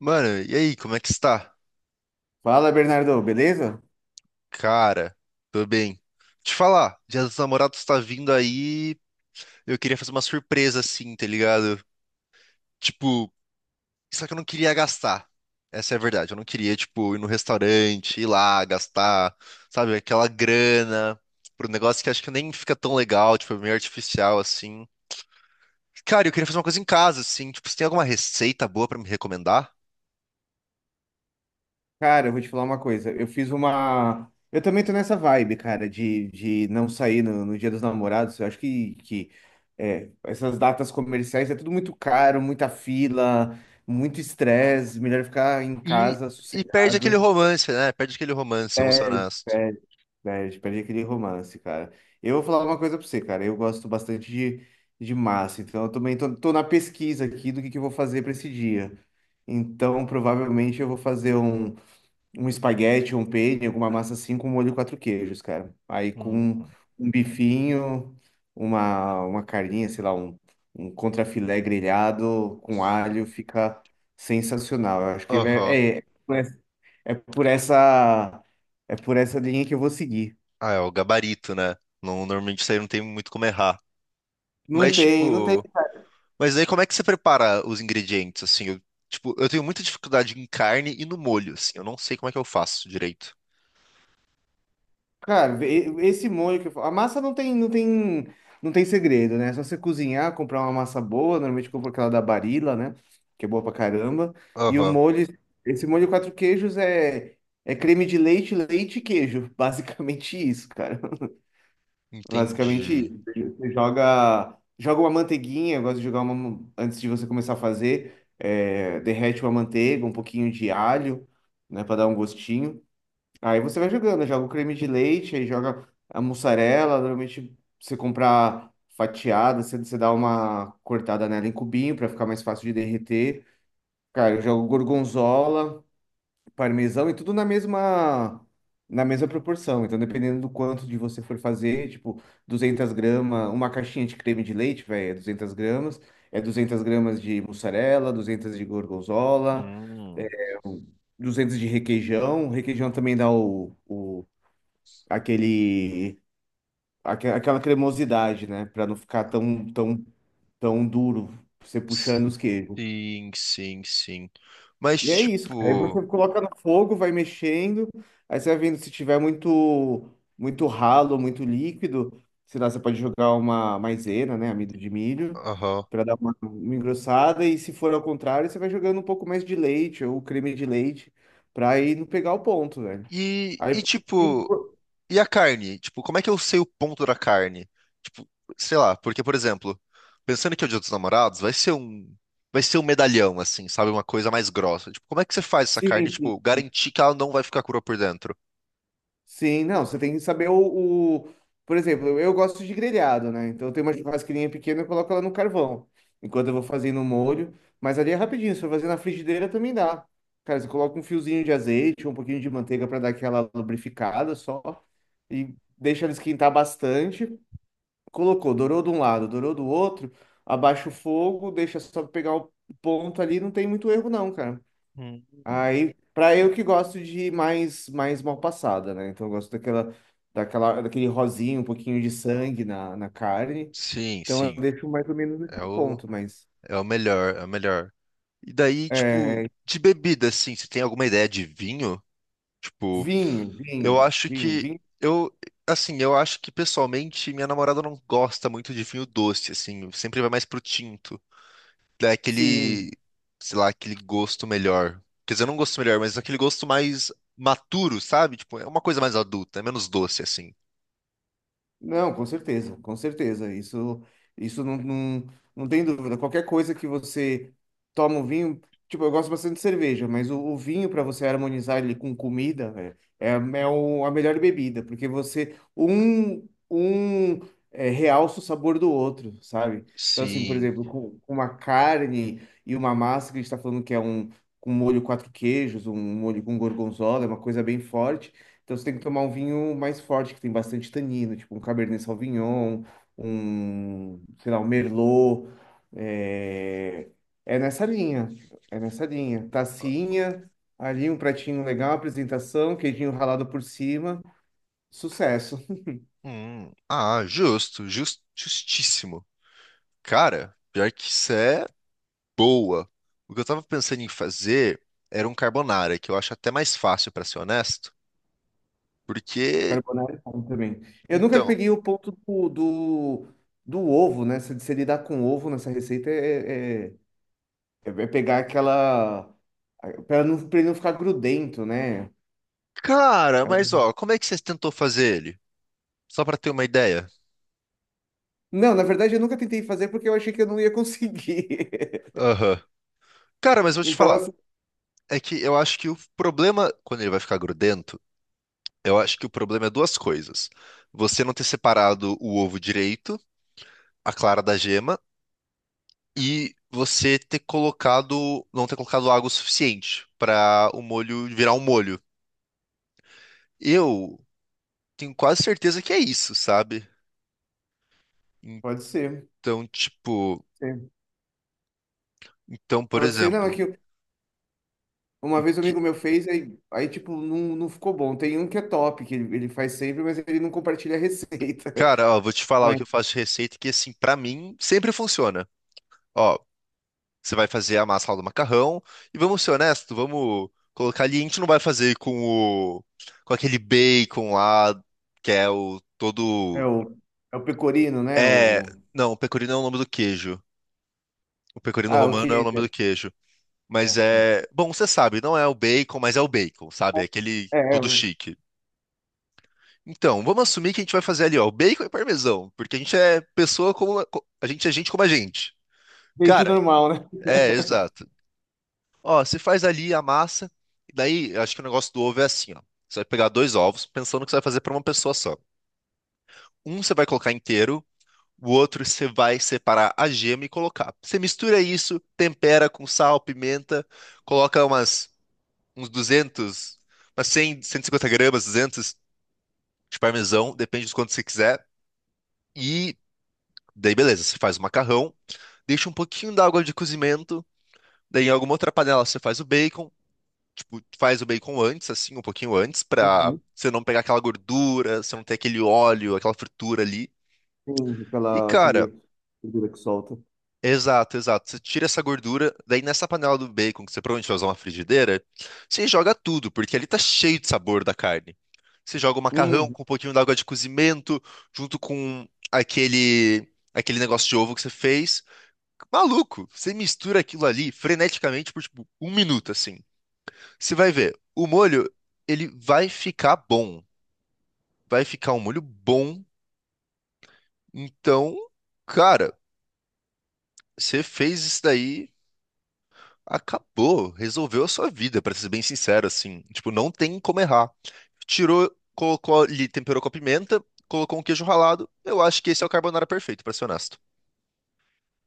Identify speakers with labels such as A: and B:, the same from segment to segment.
A: Mano, e aí, como é que está?
B: Fala, Bernardo, beleza?
A: Cara, tô bem. Te falar, Dia dos Namorados tá vindo aí. Eu queria fazer uma surpresa assim, tá ligado? Tipo, só que eu não queria gastar. Essa é a verdade. Eu não queria, tipo, ir no restaurante, ir lá, gastar, sabe, aquela grana pro negócio que acho que nem fica tão legal, tipo, é meio artificial assim. Cara, eu queria fazer uma coisa em casa, assim. Tipo, você tem alguma receita boa pra me recomendar?
B: Cara, eu vou te falar uma coisa. Eu fiz uma. Eu também tô nessa vibe, cara, de não sair no Dia dos Namorados. Eu acho que essas datas comerciais é tudo muito caro, muita fila, muito estresse. Melhor ficar em
A: E,
B: casa,
A: e perde aquele
B: sossegado.
A: romance, né? Perde aquele romance, vamos ser
B: Perde,
A: honestos.
B: perde, perde, perde aquele romance, cara. Eu vou falar uma coisa pra você, cara. Eu gosto bastante de massa, então eu também tô na pesquisa aqui do que eu vou fazer pra esse dia. Então, provavelmente eu vou fazer um espaguete, um penne, alguma massa assim com molho e quatro queijos, cara. Aí com
A: Hum.
B: um bifinho, uma carninha, sei lá, um contrafilé grelhado com alho, fica sensacional. Eu acho que
A: Aham.
B: é por essa, é por essa linha que eu vou seguir.
A: Ah, é o gabarito, né? Não, normalmente isso aí não tem muito como errar.
B: Não
A: Mas,
B: tem, não tem.
A: tipo. Mas daí como é que você prepara os ingredientes, assim? Tipo, eu tenho muita dificuldade em carne e no molho, assim. Eu não sei como é que eu faço direito.
B: Cara, esse molho que eu falo. A massa não tem segredo, né? É só você cozinhar, comprar uma massa boa. Normalmente compra aquela da Barilla, né? Que é boa pra caramba. E o
A: Aham,
B: molho, esse molho quatro queijos é creme de leite, leite e queijo. Basicamente isso, cara. Basicamente
A: entendi.
B: isso. Você joga uma manteiguinha. Eu gosto de jogar uma. Antes de você começar a fazer, derrete uma manteiga, um pouquinho de alho, né? Pra dar um gostinho. Aí você vai jogando, joga o creme de leite, aí joga a mussarela. Normalmente você comprar fatiada, você dá uma cortada nela em cubinho para ficar mais fácil de derreter. Cara, eu jogo gorgonzola, parmesão e tudo na mesma proporção. Então, dependendo do quanto de você for fazer, tipo, 200 gramas, uma caixinha de creme de leite, velho, é 200 gramas, é 200 gramas de mussarela, 200 de gorgonzola,
A: Hum,
B: 200 de requeijão. Requeijão também dá aquele aquela cremosidade, né? Pra não ficar tão duro você puxando os queijos.
A: sim, sim, sim. Mas,
B: E é isso, cara. Aí
A: tipo...
B: você coloca no fogo, vai mexendo, aí você vai vendo se tiver muito ralo, muito líquido, sei lá, você pode jogar uma maisena, né, amido de milho,
A: Aham.
B: pra dar uma engrossada e se for ao contrário, você vai jogando um pouco mais de leite ou creme de leite pra ir não pegar o ponto, velho. Aí sim,
A: Tipo... E a carne? Tipo, como é que eu sei o ponto da carne? Tipo, sei lá, porque, por exemplo, pensando que é o Dia dos Namorados, vai ser um medalhão, assim, sabe? Uma coisa mais grossa. Tipo, como é que você faz essa carne,
B: sim,
A: tipo, garantir que ela não vai ficar crua por dentro?
B: sim, não, você tem que saber o. Por exemplo, eu gosto de grelhado, né? Então eu tenho uma churrasqueirinha pequena, eu coloco ela no carvão, enquanto eu vou fazendo o molho. Mas ali é rapidinho, se for fazer na frigideira também dá. Cara, você coloca um fiozinho de azeite, um pouquinho de manteiga para dar aquela lubrificada só, e deixa ela esquentar bastante. Colocou, dourou de um lado, dourou do outro, abaixa o fogo, deixa só pegar o ponto ali, não tem muito erro não, cara.
A: Hum.
B: Aí, pra eu que gosto de mais mal passada, né? Então eu gosto daquele rosinho, um pouquinho de sangue na carne.
A: Sim,
B: Então eu
A: sim.
B: deixo mais ou menos
A: É
B: nesse
A: o,
B: ponto, mas
A: é o melhor, é o melhor. E daí, tipo,
B: é,
A: de bebida, assim, você tem alguma ideia de vinho? Tipo,
B: vinho,
A: eu
B: vinho,
A: acho
B: vinho,
A: que.
B: vinho,
A: Eu, assim, eu acho que pessoalmente minha namorada não gosta muito de vinho doce, assim, sempre vai mais pro tinto. Dá aquele,
B: sim.
A: sei lá, aquele gosto melhor. Quer dizer, não gosto melhor, mas aquele gosto mais maturo, sabe? Tipo, é uma coisa mais adulta, é menos doce, assim.
B: Não, com certeza, com certeza. Isso, isso não, não, não tem dúvida. Qualquer coisa que você toma um vinho, tipo, eu gosto bastante de cerveja, mas o vinho para você harmonizar ele com comida, velho, é, é a melhor bebida, porque você realça o sabor do outro, sabe? Então, assim, por
A: Sim.
B: exemplo, com uma carne e uma massa que a gente está falando que é um com molho quatro queijos, um molho com gorgonzola, é uma coisa bem forte. Então você tem que tomar um vinho mais forte, que tem bastante tanino, tipo um Cabernet Sauvignon, um, sei lá, um Merlot. É, é nessa linha, é nessa linha. Tacinha, ali um pratinho legal, apresentação, queijinho ralado por cima, sucesso.
A: Ah, justo, justíssimo. Cara, pior que isso é boa. O que eu tava pensando em fazer era um carbonara, que eu acho até mais fácil, pra ser honesto. Porque,
B: Carbonara é bom também. Eu nunca
A: então,
B: peguei o ponto do ovo, né? Se lidar com ovo nessa receita é pegar aquela... Para não, para ele não ficar grudento, né?
A: cara,
B: É
A: mas
B: um
A: ó, como é que você tentou fazer ele? Só pra ter uma ideia.
B: Não, na verdade eu nunca tentei fazer porque eu achei que eu não ia conseguir.
A: Aham. Cara, mas vou te
B: Então,
A: falar.
B: assim,
A: É que eu acho que o problema, quando ele vai ficar grudento, eu acho que o problema é duas coisas. Você não ter separado o ovo direito, a clara da gema, e você ter colocado, não ter colocado água o suficiente pra o molho virar um molho. Eu tenho quase certeza que é isso, sabe?
B: pode ser.
A: Então, tipo,
B: Sim.
A: então, por
B: Pode ser. Não, é
A: exemplo,
B: que
A: o
B: uma vez um
A: que-
B: amigo meu fez, aí tipo, não, não ficou bom. Tem um que é top, que ele faz sempre, mas ele não compartilha a receita.
A: cara, ó, vou te falar o
B: Mas
A: que eu faço de receita que assim, pra mim sempre funciona. Ó, você vai fazer a massa lá do macarrão. E vamos ser honestos, vamos colocar ali. A gente não vai fazer com o, com aquele bacon lá, que é o
B: é
A: todo.
B: o, é o pecorino, né?
A: É.
B: O,
A: Não, o pecorino é o nome do queijo. O pecorino
B: ah, o
A: romano é o
B: que...
A: nome do queijo. Mas é. Bom, você sabe, não é o bacon, mas é o bacon, sabe? É aquele
B: É, é
A: tudo
B: o
A: chique. Então, vamos assumir que a gente vai fazer ali, ó, o bacon e parmesão, porque a gente é pessoa como. A gente é gente como a gente.
B: peixe
A: Cara,
B: normal, né?
A: é, exato. Ó, você faz ali a massa, e daí eu acho que o negócio do ovo é assim, ó. Você vai pegar dois ovos, pensando que você vai fazer para uma pessoa só. Um você vai colocar inteiro, o outro você vai separar a gema e colocar. Você mistura isso, tempera com sal, pimenta, coloca umas uns 200, umas 100, 150 gramas, 200 de parmesão, depende de quanto você quiser. E daí beleza, você faz o macarrão, deixa um pouquinho d'água de cozimento, daí em alguma outra panela você faz o bacon. Tipo, tu faz o bacon antes, assim, um pouquinho antes, pra
B: Uhum.
A: você não pegar aquela gordura, você não ter aquele óleo, aquela fritura ali.
B: Sim,
A: E,
B: aquela,
A: cara,
B: aquele gordura que solta.
A: exato, exato. Você tira essa gordura, daí nessa panela do bacon, que você provavelmente vai usar uma frigideira, você joga tudo, porque ali tá cheio de sabor da carne. Você joga o macarrão
B: Uhum.
A: com um pouquinho d'água de cozimento, junto com aquele, aquele negócio de ovo que você fez. Maluco, você mistura aquilo ali freneticamente por, tipo, um minuto, assim. Você vai ver, o molho, ele vai ficar bom. Vai ficar um molho bom. Então, cara, você fez isso daí, acabou, resolveu a sua vida, pra ser bem sincero, assim. Tipo, não tem como errar. Tirou, colocou ali, temperou com a pimenta, colocou um queijo ralado. Eu acho que esse é o carbonara perfeito, pra ser honesto.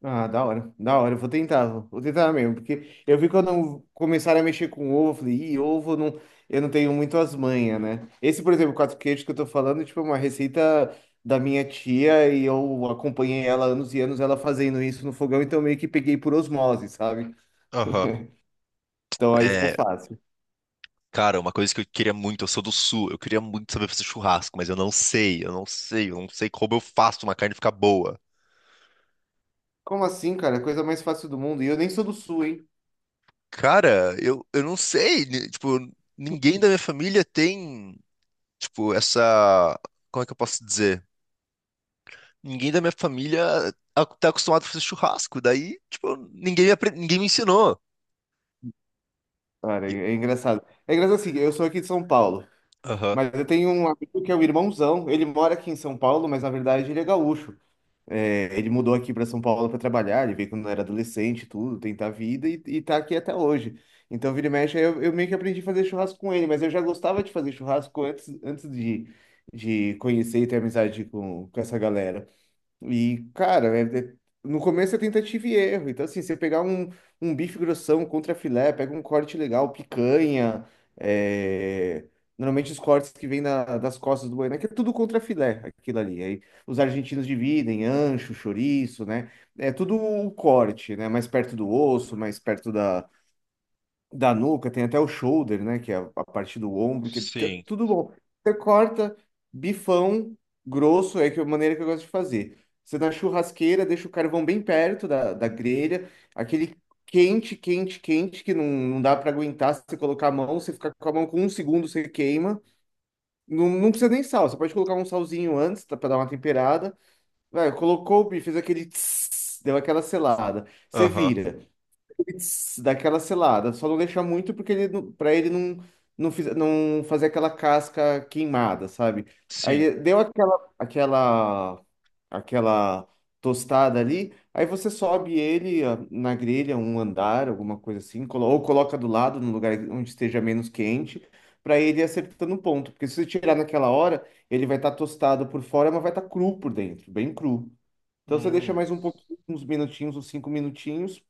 B: Ah, da hora, da hora. Eu vou tentar, vou tentar mesmo, porque eu vi quando começaram a mexer com ovo, eu falei, ih, ovo eu não tenho muito as manhas, né? Esse, por exemplo, quatro queijos que eu tô falando, tipo, é uma receita da minha tia e eu acompanhei ela anos e anos, ela fazendo isso no fogão, então meio que peguei por osmose, sabe?
A: Aham.
B: Então aí ficou
A: É,
B: fácil.
A: cara, uma coisa que eu queria muito, eu sou do sul, eu queria muito saber fazer churrasco, mas eu não sei, eu não sei, eu não sei como eu faço uma carne ficar boa.
B: Como assim, cara? É a coisa mais fácil do mundo. E eu nem sou do sul, hein?
A: Cara, eu não sei, tipo, ninguém da minha família tem, tipo, essa, como é que eu posso dizer? Ninguém da minha família tá acostumado a fazer churrasco, daí, tipo, ninguém me ensinou.
B: Cara,
A: E-
B: é engraçado. É engraçado assim, eu sou aqui de São Paulo,
A: Aham,
B: mas eu tenho um amigo que é um irmãozão, ele mora aqui em São Paulo, mas na verdade ele é gaúcho. É, ele mudou aqui para São Paulo para trabalhar, ele veio quando era adolescente, e tudo, tentar a vida e tá aqui até hoje. Então, vira e mexe, aí eu meio que aprendi a fazer churrasco com ele, mas eu já gostava de fazer churrasco antes, antes de conhecer e ter amizade com essa galera. E, cara, no começo é tentativa e erro. Então, assim, você pegar um bife grossão contra filé, pega um corte legal, picanha. É, normalmente os cortes que vêm das costas do boi, né? Que é tudo contra filé, aquilo ali. Aí os argentinos dividem, ancho, chouriço, né? É tudo o corte, né? Mais perto do osso, mais perto da nuca, tem até o shoulder, né? Que é a parte do ombro, que é
A: sim,
B: tudo bom. Você corta bifão grosso, é que é a maneira que eu gosto de fazer. Você na churrasqueira deixa o carvão bem perto da grelha, aquele quente, quente, quente, que não, não dá para aguentar se você colocar a mão, você fica com a mão com um segundo, você queima. Não, não precisa nem sal, você pode colocar um salzinho antes para dar uma temperada. Vai, colocou o bife, fez aquele tss, deu aquela selada. Você
A: aham,
B: vira. Putz, daquela selada. Só não deixar muito porque ele, pra ele não, não fazer aquela casca queimada, sabe?
A: sim.
B: Aí deu aquela tostada ali, aí você sobe ele na grelha, um andar, alguma coisa assim, ou coloca do lado, num lugar onde esteja menos quente, pra ele ir acertando o ponto. Porque se você tirar naquela hora, ele vai estar tostado por fora, mas vai estar cru por dentro, bem cru. Então você deixa
A: Hum.
B: mais um pouquinho, uns minutinhos, uns 5 minutinhos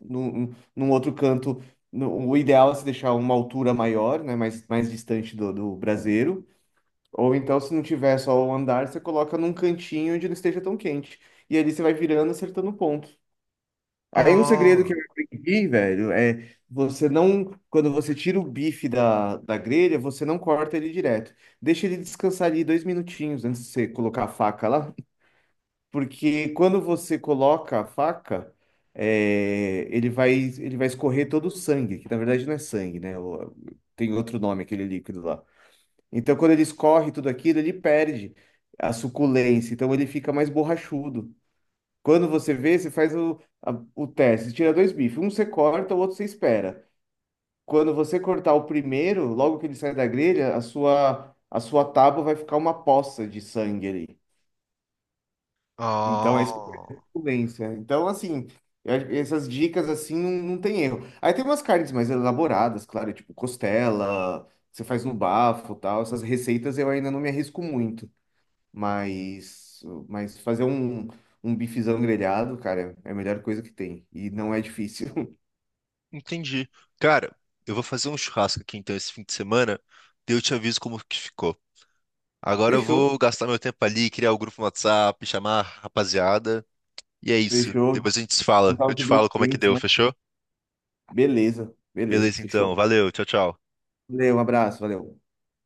B: num outro canto. O ideal é se deixar uma altura maior, né? Mais distante do braseiro. Ou então, se não tiver só o andar, você coloca num cantinho onde não esteja tão quente. E ali você vai virando, acertando o ponto. Aí um segredo que eu
A: Ah,
B: aprendi, velho, é você não. Quando você tira o bife da grelha, você não corta ele direto. Deixa ele descansar ali 2 minutinhos antes de você colocar a faca lá. Porque quando você coloca a faca, é, ele vai escorrer todo o sangue, que na verdade não é sangue, né? Tem outro nome aquele líquido lá. Então, quando ele escorre tudo aquilo, ele perde a suculência, então ele fica mais borrachudo. Quando você vê, você faz o teste, você tira dois bifes, um você corta, o outro você espera. Quando você cortar o primeiro, logo que ele sai da grelha, a sua tábua vai ficar uma poça de sangue ali. Então, é isso
A: ah,
B: suculência. Então, assim, acho que essas dicas assim não, não tem erro. Aí tem umas carnes mais elaboradas, claro, tipo costela, você faz no bafo, tal. Essas receitas eu ainda não me arrisco muito, mas fazer um bifezão grelhado, cara, é a melhor coisa que tem e não é difícil.
A: entendi. Cara, eu vou fazer um churrasco aqui então esse fim de semana, daí eu te aviso como que ficou. Agora eu vou
B: Fechou.
A: gastar meu tempo ali, criar o grupo no WhatsApp, chamar a rapaziada. E é isso.
B: Fechou.
A: Depois a gente se fala.
B: Juntar
A: Eu
B: os
A: te falo como é que
B: ingredientes,
A: deu,
B: né?
A: fechou?
B: Beleza, beleza,
A: Beleza, então.
B: fechou.
A: Valeu. Tchau, tchau.
B: Valeu, um abraço, valeu.